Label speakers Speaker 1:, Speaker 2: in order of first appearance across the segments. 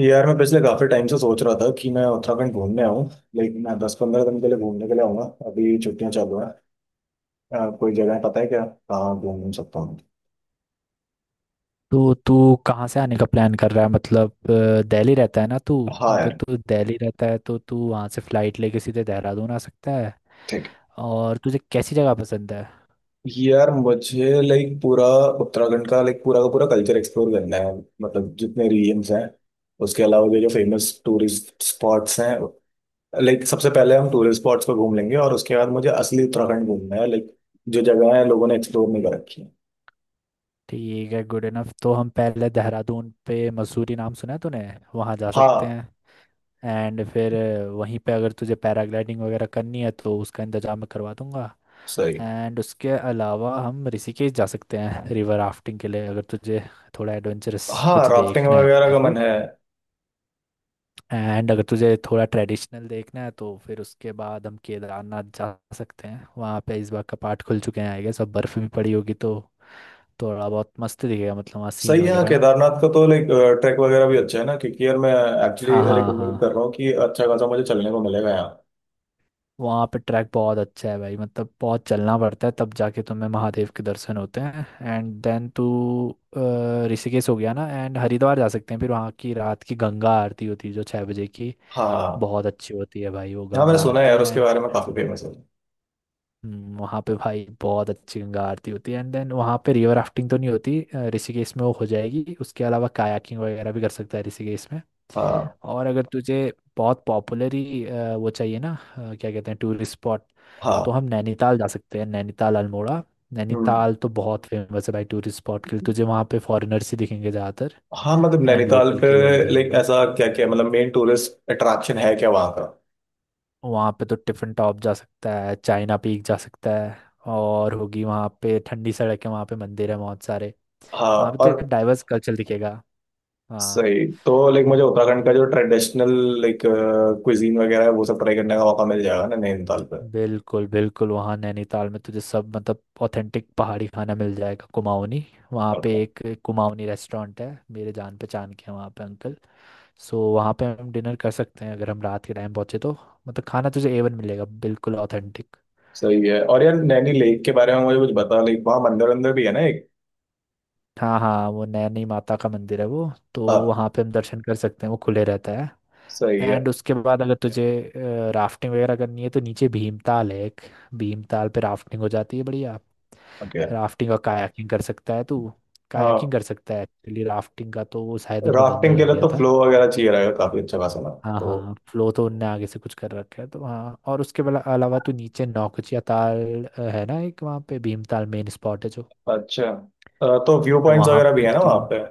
Speaker 1: यार मैं पिछले काफी टाइम से सोच रहा था कि मैं उत्तराखंड घूमने आऊँ। लेकिन मैं 10 15 दिन के लिए घूमने के लिए आऊंगा। अभी छुट्टियां चालू हैं। कोई जगह पता है क्या कहाँ घूम घूम सकता हूँ?
Speaker 2: तो तू कहाँ से आने का प्लान कर रहा है? मतलब दिल्ली रहता है ना तू?
Speaker 1: हाँ
Speaker 2: अगर
Speaker 1: यार।
Speaker 2: तू दिल्ली रहता है तो तू वहाँ से फ्लाइट लेके सीधे देहरादून आ सकता है।
Speaker 1: ठीक
Speaker 2: और तुझे कैसी जगह पसंद है?
Speaker 1: है। यार मुझे लाइक पूरा उत्तराखंड का लाइक पूरा का पूरा कल्चर एक्सप्लोर करना है। मतलब जितने रीजन्स हैं उसके अलावा जो जो फेमस टूरिस्ट स्पॉट्स हैं, लाइक सबसे पहले हम टूरिस्ट स्पॉट्स पर घूम लेंगे और उसके बाद मुझे असली उत्तराखंड घूमना है। लाइक जो जगह है लोगों ने एक्सप्लोर नहीं कर रखी है।
Speaker 2: ठीक है, गुड इनफ। तो हम पहले देहरादून पे, मसूरी नाम सुना है तूने? वहाँ जा सकते
Speaker 1: हाँ।
Speaker 2: हैं। एंड फिर वहीं पे अगर तुझे पैराग्लाइडिंग वगैरह करनी है तो उसका इंतजाम मैं करवा दूंगा।
Speaker 1: सही।
Speaker 2: एंड उसके अलावा हम ऋषिकेश जा सकते हैं रिवर राफ्टिंग के लिए, अगर तुझे थोड़ा एडवेंचरस
Speaker 1: हाँ,
Speaker 2: कुछ
Speaker 1: राफ्टिंग
Speaker 2: देखना
Speaker 1: वगैरह
Speaker 2: है
Speaker 1: का
Speaker 2: तो।
Speaker 1: मन है।
Speaker 2: एंड अगर तुझे थोड़ा ट्रेडिशनल देखना है तो फिर उसके बाद हम केदारनाथ जा सकते हैं। वहाँ पे इस बार का पार्ट खुल चुके हैं आई गेस, अब बर्फ भी पड़ी होगी तो थोड़ा बहुत मस्त दिखेगा, मतलब वहाँ सीन
Speaker 1: सही है। हाँ,
Speaker 2: वगैरह ना।
Speaker 1: केदारनाथ का तो लाइक ट्रैक वगैरह भी अच्छा है ना, क्योंकि यार मैं एक्चुअली
Speaker 2: हाँ
Speaker 1: लाइक
Speaker 2: हाँ
Speaker 1: उम्मीद कर
Speaker 2: हाँ,
Speaker 1: रहा हूँ कि अच्छा खासा मुझे चलने को मिलेगा यहाँ।
Speaker 2: वहाँ पे ट्रैक बहुत अच्छा है भाई, मतलब बहुत चलना पड़ता है तब जाके तुम्हें महादेव के दर्शन होते हैं। एंड देन तू ऋषिकेश हो गया ना, एंड हरिद्वार जा सकते हैं फिर। वहाँ की रात की गंगा आरती होती है जो छः बजे की,
Speaker 1: हाँ हाँ
Speaker 2: बहुत अच्छी होती है भाई वो
Speaker 1: हाँ, मैंने
Speaker 2: गंगा
Speaker 1: सुना है
Speaker 2: आरती।
Speaker 1: यार उसके
Speaker 2: एंड
Speaker 1: बारे में, काफी फेमस है।
Speaker 2: वहाँ पे भाई बहुत अच्छी गंगा आरती होती है। एंड देन वहाँ पे रिवर राफ्टिंग तो नहीं होती, ऋषिकेश में वो हो जाएगी। उसके अलावा कायाकिंग वगैरह भी कर सकता है ऋषिकेश में।
Speaker 1: हाँ
Speaker 2: और अगर तुझे बहुत पॉपुलर ही वो चाहिए ना, क्या कहते हैं, टूरिस्ट स्पॉट, तो
Speaker 1: हाँ।
Speaker 2: हम नैनीताल जा सकते हैं, नैनीताल अल्मोड़ा।
Speaker 1: हम्म।
Speaker 2: नैनीताल तो बहुत फेमस है भाई टूरिस्ट स्पॉट के लिए, तुझे वहाँ पे फॉरेनर्स ही दिखेंगे ज़्यादातर।
Speaker 1: हाँ मतलब
Speaker 2: एंड
Speaker 1: नैनीताल
Speaker 2: लोकल
Speaker 1: पे
Speaker 2: के लोग
Speaker 1: लाइक
Speaker 2: दिखेंगे।
Speaker 1: ऐसा क्या क्या मतलब मेन टूरिस्ट अट्रैक्शन है क्या वहाँ का?
Speaker 2: वहाँ पे तो टिफिन टॉप जा सकता है, चाइना पीक जा सकता है, और होगी वहाँ पे ठंडी सड़क है, वहाँ पे मंदिर है बहुत सारे,
Speaker 1: हाँ।
Speaker 2: वहाँ पे
Speaker 1: और
Speaker 2: तो डाइवर्स कल्चर दिखेगा। हाँ।
Speaker 1: सही, तो लाइक मुझे
Speaker 2: एंड
Speaker 1: उत्तराखंड का जो ट्रेडिशनल लाइक क्विजीन वगैरह है वो सब ट्राई करने का मौका मिल जाएगा ना नैनीताल पे?
Speaker 2: बिल्कुल बिल्कुल, वहाँ नैनीताल में तुझे सब, मतलब ऑथेंटिक पहाड़ी खाना मिल जाएगा, कुमाऊनी। वहाँ पे
Speaker 1: Okay।
Speaker 2: एक कुमाऊनी रेस्टोरेंट है, मेरे जान पहचान के हैं वहाँ पे अंकल। सो वहाँ पे हम डिनर कर सकते हैं अगर हम रात के टाइम पहुँचे तो। मतलब खाना तुझे एवन मिलेगा बिल्कुल ऑथेंटिक।
Speaker 1: सही है। और यार नैनी लेक के बारे में मुझे कुछ बता, लाइक वहाँ मंदिर अंदर भी है ना एक?
Speaker 2: हाँ हाँ, वो नैनी माता का मंदिर है वो। तो
Speaker 1: हाँ।
Speaker 2: वहाँ पे हम दर्शन कर सकते हैं, वो खुले रहता है।
Speaker 1: सही है।
Speaker 2: एंड उसके बाद अगर तुझे राफ्टिंग वगैरह करनी है तो नीचे भीमताल है एक। भीमताल पे राफ्टिंग हो जाती है बढ़िया।
Speaker 1: ओके।
Speaker 2: राफ्टिंग और कायाकिंग कर सकता है तू।
Speaker 1: हाँ,
Speaker 2: कायाकिंग कर सकता है एक्चुअली, राफ्टिंग का तो वो शायद उनने बंद
Speaker 1: राफ्टिंग के
Speaker 2: कर
Speaker 1: लिए
Speaker 2: दिया
Speaker 1: तो
Speaker 2: था।
Speaker 1: फ्लो वगैरह चाहिए रहेगा काफी अच्छा खासा ना
Speaker 2: हाँ
Speaker 1: तो।
Speaker 2: हाँ, फ्लो तो उनने आगे से कुछ कर रखा है तो हाँ। और उसके अलावा तू नीचे नौकुचिया ताल है ना एक, वहाँ पे भीमताल मेन स्पॉट है जो।
Speaker 1: अच्छा। तो व्यू पॉइंट्स
Speaker 2: वहाँ
Speaker 1: वगैरह भी
Speaker 2: पे
Speaker 1: है ना
Speaker 2: तू,
Speaker 1: वहाँ पे?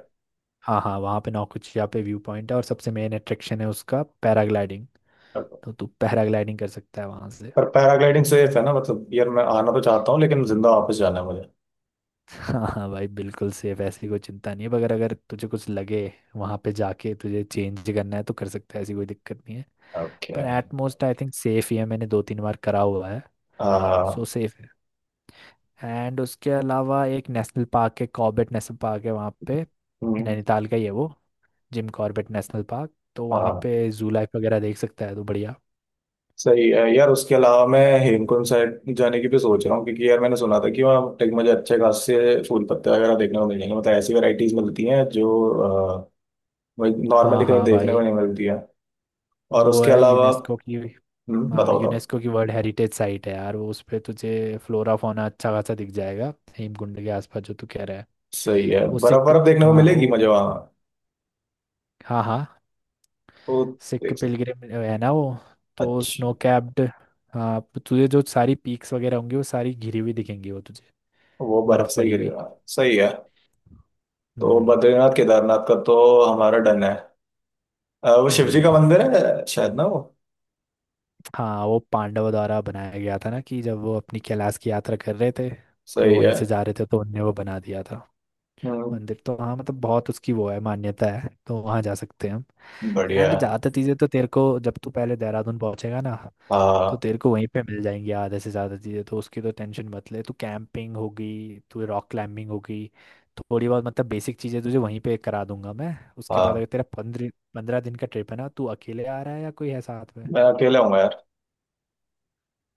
Speaker 2: हाँ हाँ, वहाँ पे नौकुचिया पे व्यू पॉइंट है, और सबसे मेन अट्रैक्शन है उसका पैराग्लाइडिंग। तो तू पैराग्लाइडिंग कर सकता है वहाँ।
Speaker 1: पर पैराग्लाइडिंग सेफ है ना? मतलब यार मैं आना तो चाहता हूँ लेकिन जिंदा वापस जाना है मुझे।
Speaker 2: हाँ हाँ भाई, बिल्कुल सेफ, ऐसी कोई चिंता नहीं है। मगर अगर तुझे कुछ लगे वहाँ पे जाके, तुझे चेंज करना है तो कर सकता है, ऐसी कोई दिक्कत नहीं है।
Speaker 1: ओके।
Speaker 2: पर एटमोस्ट आई थिंक सेफ ही है, मैंने दो तीन बार करा हुआ है, सो सेफ है। एंड उसके अलावा एक नेशनल पार्क है, कॉर्बेट नेशनल पार्क है वहाँ पे, नैनीताल का ही है वो, जिम कॉर्बेट नेशनल पार्क। तो वहाँ
Speaker 1: हाँ।
Speaker 2: पे जू लाइफ वगैरह देख सकता है, तो बढ़िया।
Speaker 1: सही है यार, उसके अलावा मैं हेमकुंड साइड जाने की भी सोच रहा हूँ, क्योंकि यार मैंने सुना था कि वहाँ टेक मुझे अच्छे खासे फूल पत्ते वगैरह देखने को मिल जाएंगे। मतलब ऐसी वैरायटीज मिलती हैं जो
Speaker 2: हाँ
Speaker 1: नॉर्मली कहीं
Speaker 2: हाँ
Speaker 1: देखने को
Speaker 2: भाई,
Speaker 1: नहीं मिलती है। और
Speaker 2: वो
Speaker 1: उसके
Speaker 2: है
Speaker 1: अलावा
Speaker 2: यूनेस्को की, हाँ
Speaker 1: बताओ बताओ।
Speaker 2: यूनेस्को की वर्ल्ड हेरिटेज साइट है यार वो। उस पे तुझे फ्लोरा फौना अच्छा खासा दिख जाएगा हेमकुंड के आसपास जो तू कह रहा है।
Speaker 1: सही है,
Speaker 2: वो
Speaker 1: बर्फ
Speaker 2: सिख,
Speaker 1: बर्फ देखने को
Speaker 2: हाँ
Speaker 1: मिलेगी मुझे
Speaker 2: वो,
Speaker 1: वहाँ?
Speaker 2: हाँ हाँ,
Speaker 1: तो
Speaker 2: सिख
Speaker 1: देख सकते।
Speaker 2: पिलग्रिम है ना वो। तो
Speaker 1: अच्छा।
Speaker 2: स्नो कैप्ड, हाँ, तो तुझे जो सारी पीक्स वगैरह होंगी वो सारी घिरी हुई दिखेंगी वो तुझे,
Speaker 1: वो बर्फ
Speaker 2: बर्फ
Speaker 1: से ही
Speaker 2: पड़ी हुई।
Speaker 1: गिरेगा, सही है। तो
Speaker 2: हम्म।
Speaker 1: बद्रीनाथ केदारनाथ का तो हमारा डन है। वो शिव
Speaker 2: जी
Speaker 1: जी का मंदिर है शायद ना वो?
Speaker 2: हाँ, वो पांडवों द्वारा बनाया गया था ना, कि जब वो अपनी कैलाश की यात्रा कर रहे थे तो
Speaker 1: सही
Speaker 2: वहीं
Speaker 1: है।
Speaker 2: से जा रहे थे, तो उनने वो बना दिया था
Speaker 1: हम्म।
Speaker 2: मंदिर तो। हाँ, मतलब बहुत उसकी वो है, मान्यता है, तो वहाँ जा सकते हैं हम।
Speaker 1: बढ़िया
Speaker 2: एंड
Speaker 1: है।
Speaker 2: ज्यादा चीजें तो तेरे को जब तू पहले देहरादून पहुंचेगा ना, तो
Speaker 1: हाँ।
Speaker 2: तेरे को वहीं पे मिल जाएंगी आधे से ज्यादा चीजें, तो उसकी तो टेंशन मत ले तू। कैंपिंग होगी, तू रॉक क्लाइंबिंग होगी, थोड़ी बहुत मतलब बेसिक चीजें तुझे वहीं पे करा दूंगा मैं। उसके बाद अगर
Speaker 1: हाँ
Speaker 2: तेरा पंद्रह पंद्रह दिन का ट्रिप है ना, तू अकेले आ रहा है या कोई है साथ में?
Speaker 1: मैं अकेला हूँ यार।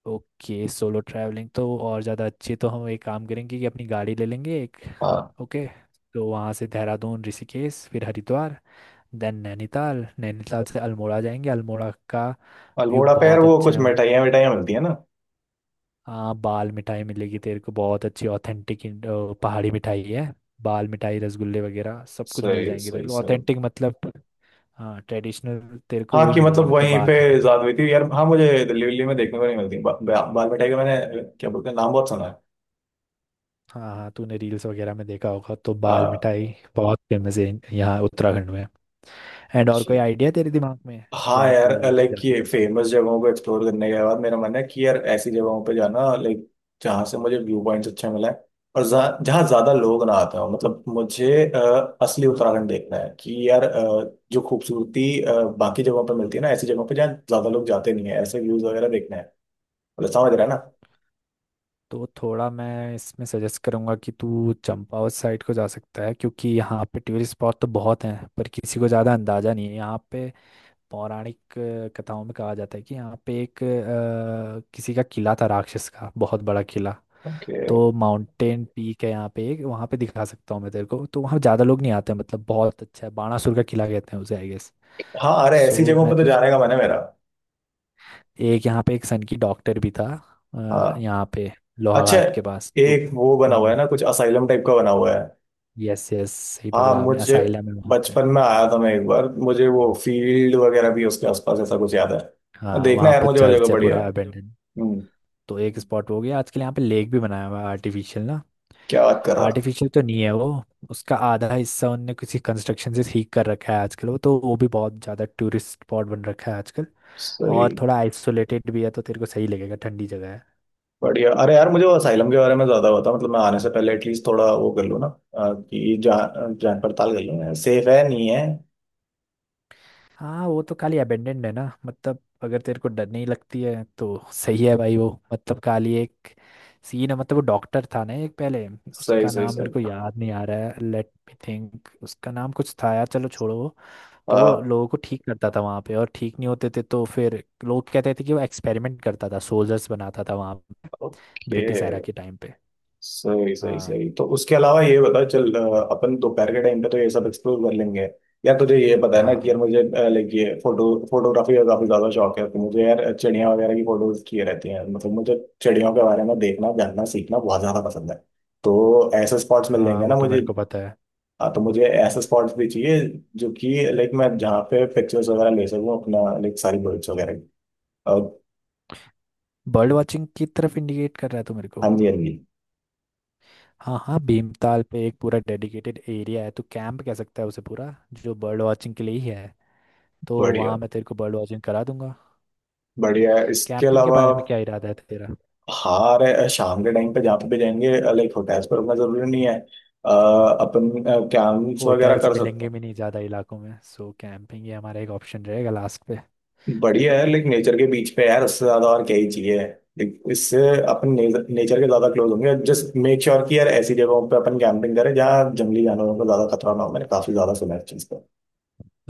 Speaker 2: ओके, सोलो ट्रैवलिंग तो और ज़्यादा अच्छी। तो हम एक काम करेंगे कि अपनी गाड़ी ले लेंगे एक।
Speaker 1: हाँ।
Speaker 2: ओके, तो वहाँ से देहरादून, ऋषिकेश, फिर हरिद्वार, देन नैनीताल, नैनीताल से अल्मोड़ा जाएंगे। अल्मोड़ा का व्यू
Speaker 1: अल्मोड़ा पे यार
Speaker 2: बहुत
Speaker 1: वो
Speaker 2: अच्छा
Speaker 1: कुछ
Speaker 2: है वहाँ।
Speaker 1: मिठाइयाँ मिठाइयाँ मिलती है ना?
Speaker 2: हाँ बाल मिठाई मिलेगी तेरे को बहुत अच्छी, ऑथेंटिक पहाड़ी मिठाई है। बाल मिठाई, रसगुल्ले वगैरह सब कुछ मिल
Speaker 1: सही
Speaker 2: जाएंगे
Speaker 1: सही
Speaker 2: तेरे को
Speaker 1: सही।
Speaker 2: ऑथेंटिक, मतलब। हाँ ट्रेडिशनल तेरे को
Speaker 1: हाँ
Speaker 2: वही
Speaker 1: कि
Speaker 2: मिलेगी,
Speaker 1: मतलब
Speaker 2: मतलब
Speaker 1: वहीं
Speaker 2: बाल
Speaker 1: पे
Speaker 2: मिठाई।
Speaker 1: ज्यादा हुई थी यार। हाँ, मुझे दिल्ली विल्ली में देखने को नहीं मिलती। बा, बा, बाल मिठाई का मैंने क्या बोलते हैं नाम, बहुत सुना है।
Speaker 2: हाँ हाँ, तूने रील्स वगैरह में देखा होगा तो, बाल
Speaker 1: हाँ।
Speaker 2: मिठाई बहुत फेमस है यहाँ उत्तराखंड में। एंड, और कोई आइडिया तेरे दिमाग में?
Speaker 1: हाँ
Speaker 2: जहाँ
Speaker 1: यार,
Speaker 2: तू
Speaker 1: लाइक
Speaker 2: जा-
Speaker 1: ये फेमस जगहों को एक्सप्लोर करने के बाद मेरा मन है कि यार ऐसी जगहों पे जाना लाइक जहाँ से मुझे व्यू पॉइंट्स अच्छे मिले हैं। और जहाँ जहाँ ज्यादा लोग ना आते हो, मतलब मुझे असली उत्तराखंड देखना है कि यार जो खूबसूरती बाकी जगहों पे मिलती है ना, ऐसी जगहों पे जहाँ ज्यादा लोग जाते नहीं है, ऐसे व्यूज वगैरह देखना है। मतलब समझ रहा है ना?
Speaker 2: तो थोड़ा मैं इसमें सजेस्ट करूंगा कि तू चंपावत साइड को जा सकता है, क्योंकि यहाँ पे टूरिस्ट स्पॉट तो बहुत हैं पर किसी को ज़्यादा अंदाज़ा नहीं है यहाँ पे। पौराणिक कथाओं में कहा जाता है कि यहाँ पे एक किसी का किला था, राक्षस का बहुत बड़ा किला।
Speaker 1: Okay।
Speaker 2: तो माउंटेन पीक है यहाँ पे एक, वहाँ पे दिखा सकता हूँ मैं तेरे को। तो वहाँ ज़्यादा लोग नहीं आते हैं, मतलब बहुत अच्छा है। बाणासुर का किला कहते हैं उसे आई गेस।
Speaker 1: हाँ, अरे ऐसी
Speaker 2: सो
Speaker 1: जगहों
Speaker 2: मैं
Speaker 1: पे तो
Speaker 2: तुझे,
Speaker 1: जाने का मन है मेरा।
Speaker 2: एक यहाँ पे एक सन की डॉक्टर भी था
Speaker 1: हाँ।
Speaker 2: यहाँ पे,
Speaker 1: अच्छा,
Speaker 2: लोहाघाट के पास। तो
Speaker 1: एक वो बना हुआ है
Speaker 2: हम्म,
Speaker 1: ना कुछ असाइलम टाइप का बना हुआ है?
Speaker 2: यस यस सही
Speaker 1: हाँ
Speaker 2: पकड़ा आपने,
Speaker 1: मुझे
Speaker 2: असाइलम है वहाँ पे।
Speaker 1: बचपन में आया था मैं एक बार, मुझे वो फील्ड वगैरह भी उसके आसपास ऐसा कुछ याद है,
Speaker 2: हाँ
Speaker 1: देखना
Speaker 2: वहाँ
Speaker 1: यार,
Speaker 2: पे
Speaker 1: मुझे वो जगह
Speaker 2: चर्च है
Speaker 1: बढ़िया है।
Speaker 2: पूरा अबेंडन,
Speaker 1: हम्म।
Speaker 2: तो एक स्पॉट हो गया आजकल। यहाँ पे लेक भी बनाया हुआ है आर्टिफिशियल, ना
Speaker 1: क्या बात कर रहा।
Speaker 2: आर्टिफिशियल तो नहीं है वो। उसका आधा हिस्सा उनने किसी कंस्ट्रक्शन से ठीक कर रखा है आजकल वो, तो वो भी बहुत ज़्यादा टूरिस्ट स्पॉट बन रखा है आजकल। और
Speaker 1: सही।
Speaker 2: थोड़ा आइसोलेटेड भी है तो तेरे को सही लगेगा, ठंडी जगह है।
Speaker 1: बढ़िया, अरे यार मुझे वो असाइलम के बारे में ज्यादा पता, मतलब मैं आने से पहले एटलीस्ट थोड़ा वो कर लूँ ना, कि जान जान पड़ताल कर लूँ सेफ है नहीं है।
Speaker 2: हाँ वो तो खाली अबेंडेंड है ना, मतलब अगर तेरे को डर नहीं लगती है तो सही है भाई वो, मतलब खाली एक सीन है। मतलब वो डॉक्टर था ना एक पहले,
Speaker 1: सही
Speaker 2: उसका
Speaker 1: सही
Speaker 2: नाम मेरे को
Speaker 1: सही।
Speaker 2: याद नहीं आ रहा है, लेट मी थिंक। उसका नाम कुछ था यार, चलो छोड़ो वो। तो वो लोगों को ठीक करता था वहाँ पे, और ठीक नहीं होते थे तो फिर लोग कहते थे कि वो एक्सपेरिमेंट करता था, सोल्जर्स बनाता था वहाँ, ब्रिटिश एरा
Speaker 1: ओके।
Speaker 2: के टाइम पे।
Speaker 1: सही सही
Speaker 2: हाँ
Speaker 1: सही। तो उसके अलावा ये बता चल अपन दोपहर के टाइम पे तो ये सब एक्सप्लोर कर लेंगे। यार तुझे ये पता है ना
Speaker 2: हाँ
Speaker 1: कि यार
Speaker 2: हाँ,
Speaker 1: मुझे लाइक ये फोटोग्राफी का काफी ज्यादा शौक है, तो मुझे यार चिड़िया वगैरह की फोटोज किए रहती हैं। मतलब मुझे चिड़ियों के बारे में देखना जानना सीखना बहुत ज्यादा पसंद है। तो ऐसे स्पॉट्स मिल
Speaker 2: हाँ
Speaker 1: जाएंगे ना
Speaker 2: वो तो
Speaker 1: मुझे?
Speaker 2: मेरे को पता है।
Speaker 1: हाँ, तो मुझे ऐसे स्पॉट्स भी चाहिए जो कि लाइक मैं जहाँ पे पिक्चर्स वगैरह ले सकूँ अपना, लाइक सारी बर्ड्स वगैरह की। और
Speaker 2: बर्ड वॉचिंग की तरफ इंडिकेट कर रहा है तो मेरे को,
Speaker 1: हाँ जी हाँ जी।
Speaker 2: हाँ हाँ, भीमताल पे एक पूरा डेडिकेटेड एरिया है, तो कैंप कह सकता है उसे पूरा, जो बर्ड वॉचिंग के लिए ही है। तो वहाँ
Speaker 1: बढ़िया।
Speaker 2: मैं तेरे को बर्ड वॉचिंग करा दूंगा।
Speaker 1: बढ़िया, इसके
Speaker 2: कैंपिंग के
Speaker 1: अलावा?
Speaker 2: बारे में क्या इरादा है तेरा?
Speaker 1: हाँ रे, शाम के टाइम पे जहाँ पे भी जाएंगे, लाइक होटल्स पर रुकना जरूरी नहीं है। अपन कैंप्स वगैरह
Speaker 2: होटल्स
Speaker 1: कर सकते
Speaker 2: मिलेंगे भी नहीं ज़्यादा इलाकों में, सो कैंपिंग ही हमारा एक ऑप्शन रहेगा लास्ट पे।
Speaker 1: हैं। बढ़िया है, लाइक नेचर के बीच पे यार, उससे ज्यादा और क्या ही चाहिए। लाइक इससे अपन नेचर के ज्यादा क्लोज होंगे। जस्ट मेक श्योर कि यार ऐसी जगहों पे अपन कैंपिंग करें जहाँ जंगली जानवरों को ज्यादा खतरा ना हो। मैंने काफी ज्यादा सुना है इस चीज का।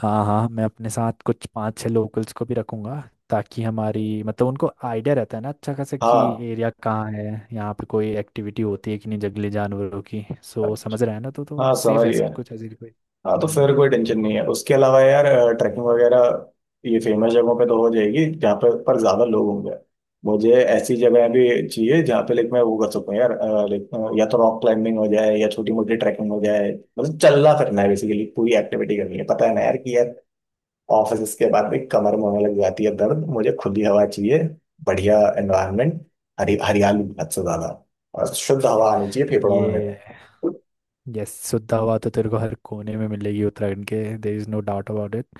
Speaker 2: हाँ हाँ, मैं अपने साथ कुछ पाँच छह लोकल्स को भी रखूंगा, ताकि हमारी, मतलब उनको आइडिया रहता है ना अच्छा खासा कि
Speaker 1: हाँ
Speaker 2: एरिया कहाँ है, यहाँ पे कोई एक्टिविटी होती है कि नहीं जंगली जानवरों की, सो समझ रहे हैं ना। तो
Speaker 1: हाँ
Speaker 2: सेफ
Speaker 1: समझ
Speaker 2: है सब
Speaker 1: गया।
Speaker 2: कुछ, ऐसे कोई,
Speaker 1: हाँ, तो
Speaker 2: हम्म।
Speaker 1: फिर कोई टेंशन नहीं है। उसके अलावा यार ट्रैकिंग वगैरह ये फेमस जगहों पे तो हो जाएगी जहाँ पे, पर ज्यादा लोग होंगे, मुझे ऐसी जगह भी चाहिए जहाँ पे लाइक मैं वो कर सकूँ यार। लाइक या तो रॉक क्लाइंबिंग हो जाए या छोटी मोटी ट्रैकिंग हो जाए। मतलब चलना फिरना है बेसिकली, पूरी एक्टिविटी करनी है, पता है ना यार कि यार ऑफिस के बाद में कमर में होने लग जाती है दर्द, मुझे खुली हवा चाहिए, बढ़िया एनवायरनमेंट, हरी हरियाली हद से ज्यादा, और शुद्ध हवा आनी चाहिए फेफड़ों में
Speaker 2: ये
Speaker 1: मेरे।
Speaker 2: यस, शुद्ध हवा तो तेरे को हर कोने में मिलेगी उत्तराखंड के, there is no doubt about it.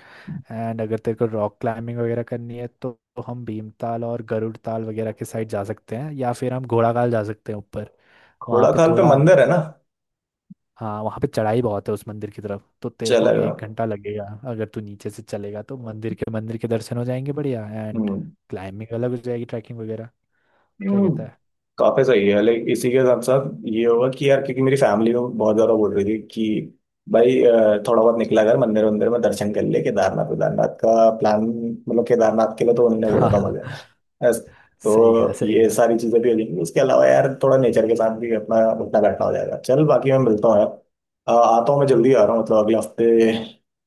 Speaker 2: And अगर तेरे को रॉक क्लाइंबिंग वगैरह करनी है तो हम भीमताल और गरुड़ ताल वगैरह के साइड जा सकते हैं, या फिर हम घोड़ाखाल जा सकते हैं ऊपर। वहाँ पे
Speaker 1: घोड़ाखाल पे
Speaker 2: थोड़ा,
Speaker 1: मंदिर है ना?
Speaker 2: हाँ वहाँ पे चढ़ाई बहुत है उस मंदिर की तरफ, तो तेरे को
Speaker 1: चलेगा।
Speaker 2: एक घंटा लगेगा अगर तू नीचे से चलेगा तो। मंदिर के, मंदिर के दर्शन हो जाएंगे बढ़िया, एंड
Speaker 1: हम्म।
Speaker 2: क्लाइंबिंग अलग हो जाएगी, ट्रैकिंग वगैरह। क्या
Speaker 1: हम्म,
Speaker 2: कहता है?
Speaker 1: काफी सही है। लाइक इसी के साथ साथ ये होगा कि यार, क्योंकि मेरी फैमिली को बहुत ज्यादा बोल रही थी कि भाई थोड़ा बहुत निकला कर मंदिर वंदिर में दर्शन कर ले, केदारनाथ केदारनाथ का प्लान। मतलब केदारनाथ के लिए तो उन्होंने बोला
Speaker 2: हाँ
Speaker 1: था मुझे।
Speaker 2: हाँ,
Speaker 1: बस,
Speaker 2: सही कहा
Speaker 1: तो
Speaker 2: सही
Speaker 1: ये
Speaker 2: कहा।
Speaker 1: सारी चीजें भी हो जाएंगी। उसके अलावा यार थोड़ा नेचर के साथ भी अपना उठना बैठना हो जाएगा। चल बाकी, मैं मिलता हूँ यार। आता हूँ, मैं जल्दी आ रहा हूँ, मतलब अगले हफ्ते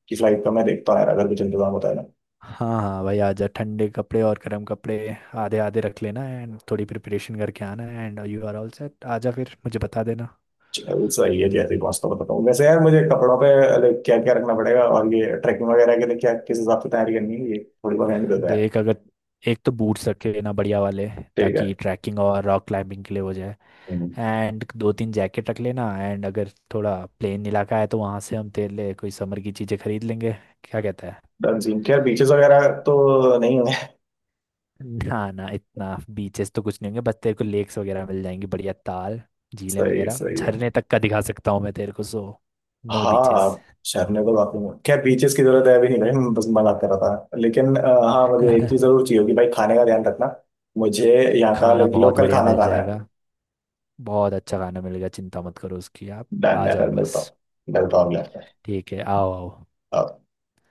Speaker 1: की फ्लाइट का मैं देखता हूँ यार, अगर कुछ इंतजाम होता है ना।
Speaker 2: हाँ हाँ भाई, आजा। ठंडे कपड़े और गर्म कपड़े आधे आधे रख लेना, एंड थोड़ी प्रिपरेशन करके आना, and you are all set. आजा फिर मुझे बता देना।
Speaker 1: चलो, सही है, जैसे ही पहुंचता हूँ बताता हूँ। वैसे यार मुझे कपड़ों पे लाइक क्या क्या रखना पड़ेगा और ये ट्रैकिंग वगैरह के लिए क्या किस हिसाब से तैयारी करनी है, ये थोड़ी बहुत हैंड देता है।
Speaker 2: देख, अगर एक तो बूट्स रख के लेना बढ़िया वाले,
Speaker 1: ठीक है।
Speaker 2: ताकि ट्रैकिंग और रॉक क्लाइंबिंग के लिए हो जाए।
Speaker 1: हम्म।
Speaker 2: एंड दो तीन जैकेट रख लेना। एंड अगर थोड़ा प्लेन इलाका है तो वहाँ से हम तेरे लिए कोई समर की चीज़ें खरीद लेंगे। क्या कहता है?
Speaker 1: डन। सीन, क्या बीचेस वगैरह तो नहीं होंगे?
Speaker 2: ना ना, इतना बीचेस तो कुछ नहीं होंगे, बस तेरे को लेक्स वगैरह मिल जाएंगी बढ़िया, ताल, झीलें
Speaker 1: सही है
Speaker 2: वगैरह,
Speaker 1: सही है।
Speaker 2: झरने तक का दिखा सकता हूँ मैं तेरे को, सो नो बीचेस।
Speaker 1: हाँ शहरने तो बाकी में, क्या बीचेस की जरूरत है अभी, नहीं भाई मैं बस मजाक कर रहा था। लेकिन हाँ मुझे एक चीज जरूर चाहिए होगी भाई, खाने का ध्यान रखना। मुझे यहाँ का
Speaker 2: खाना
Speaker 1: लाइक
Speaker 2: बहुत
Speaker 1: लोकल
Speaker 2: बढ़िया
Speaker 1: खाना
Speaker 2: मिल
Speaker 1: खाना है।
Speaker 2: जाएगा, बहुत अच्छा खाना मिलेगा, चिंता मत करो उसकी आप।
Speaker 1: डन
Speaker 2: आ
Speaker 1: है। फिर
Speaker 2: जाओ
Speaker 1: मिलता
Speaker 2: बस।
Speaker 1: हूँ। मिलता हूँ अगले हफ्ते।
Speaker 2: ठीक है, आओ आओ।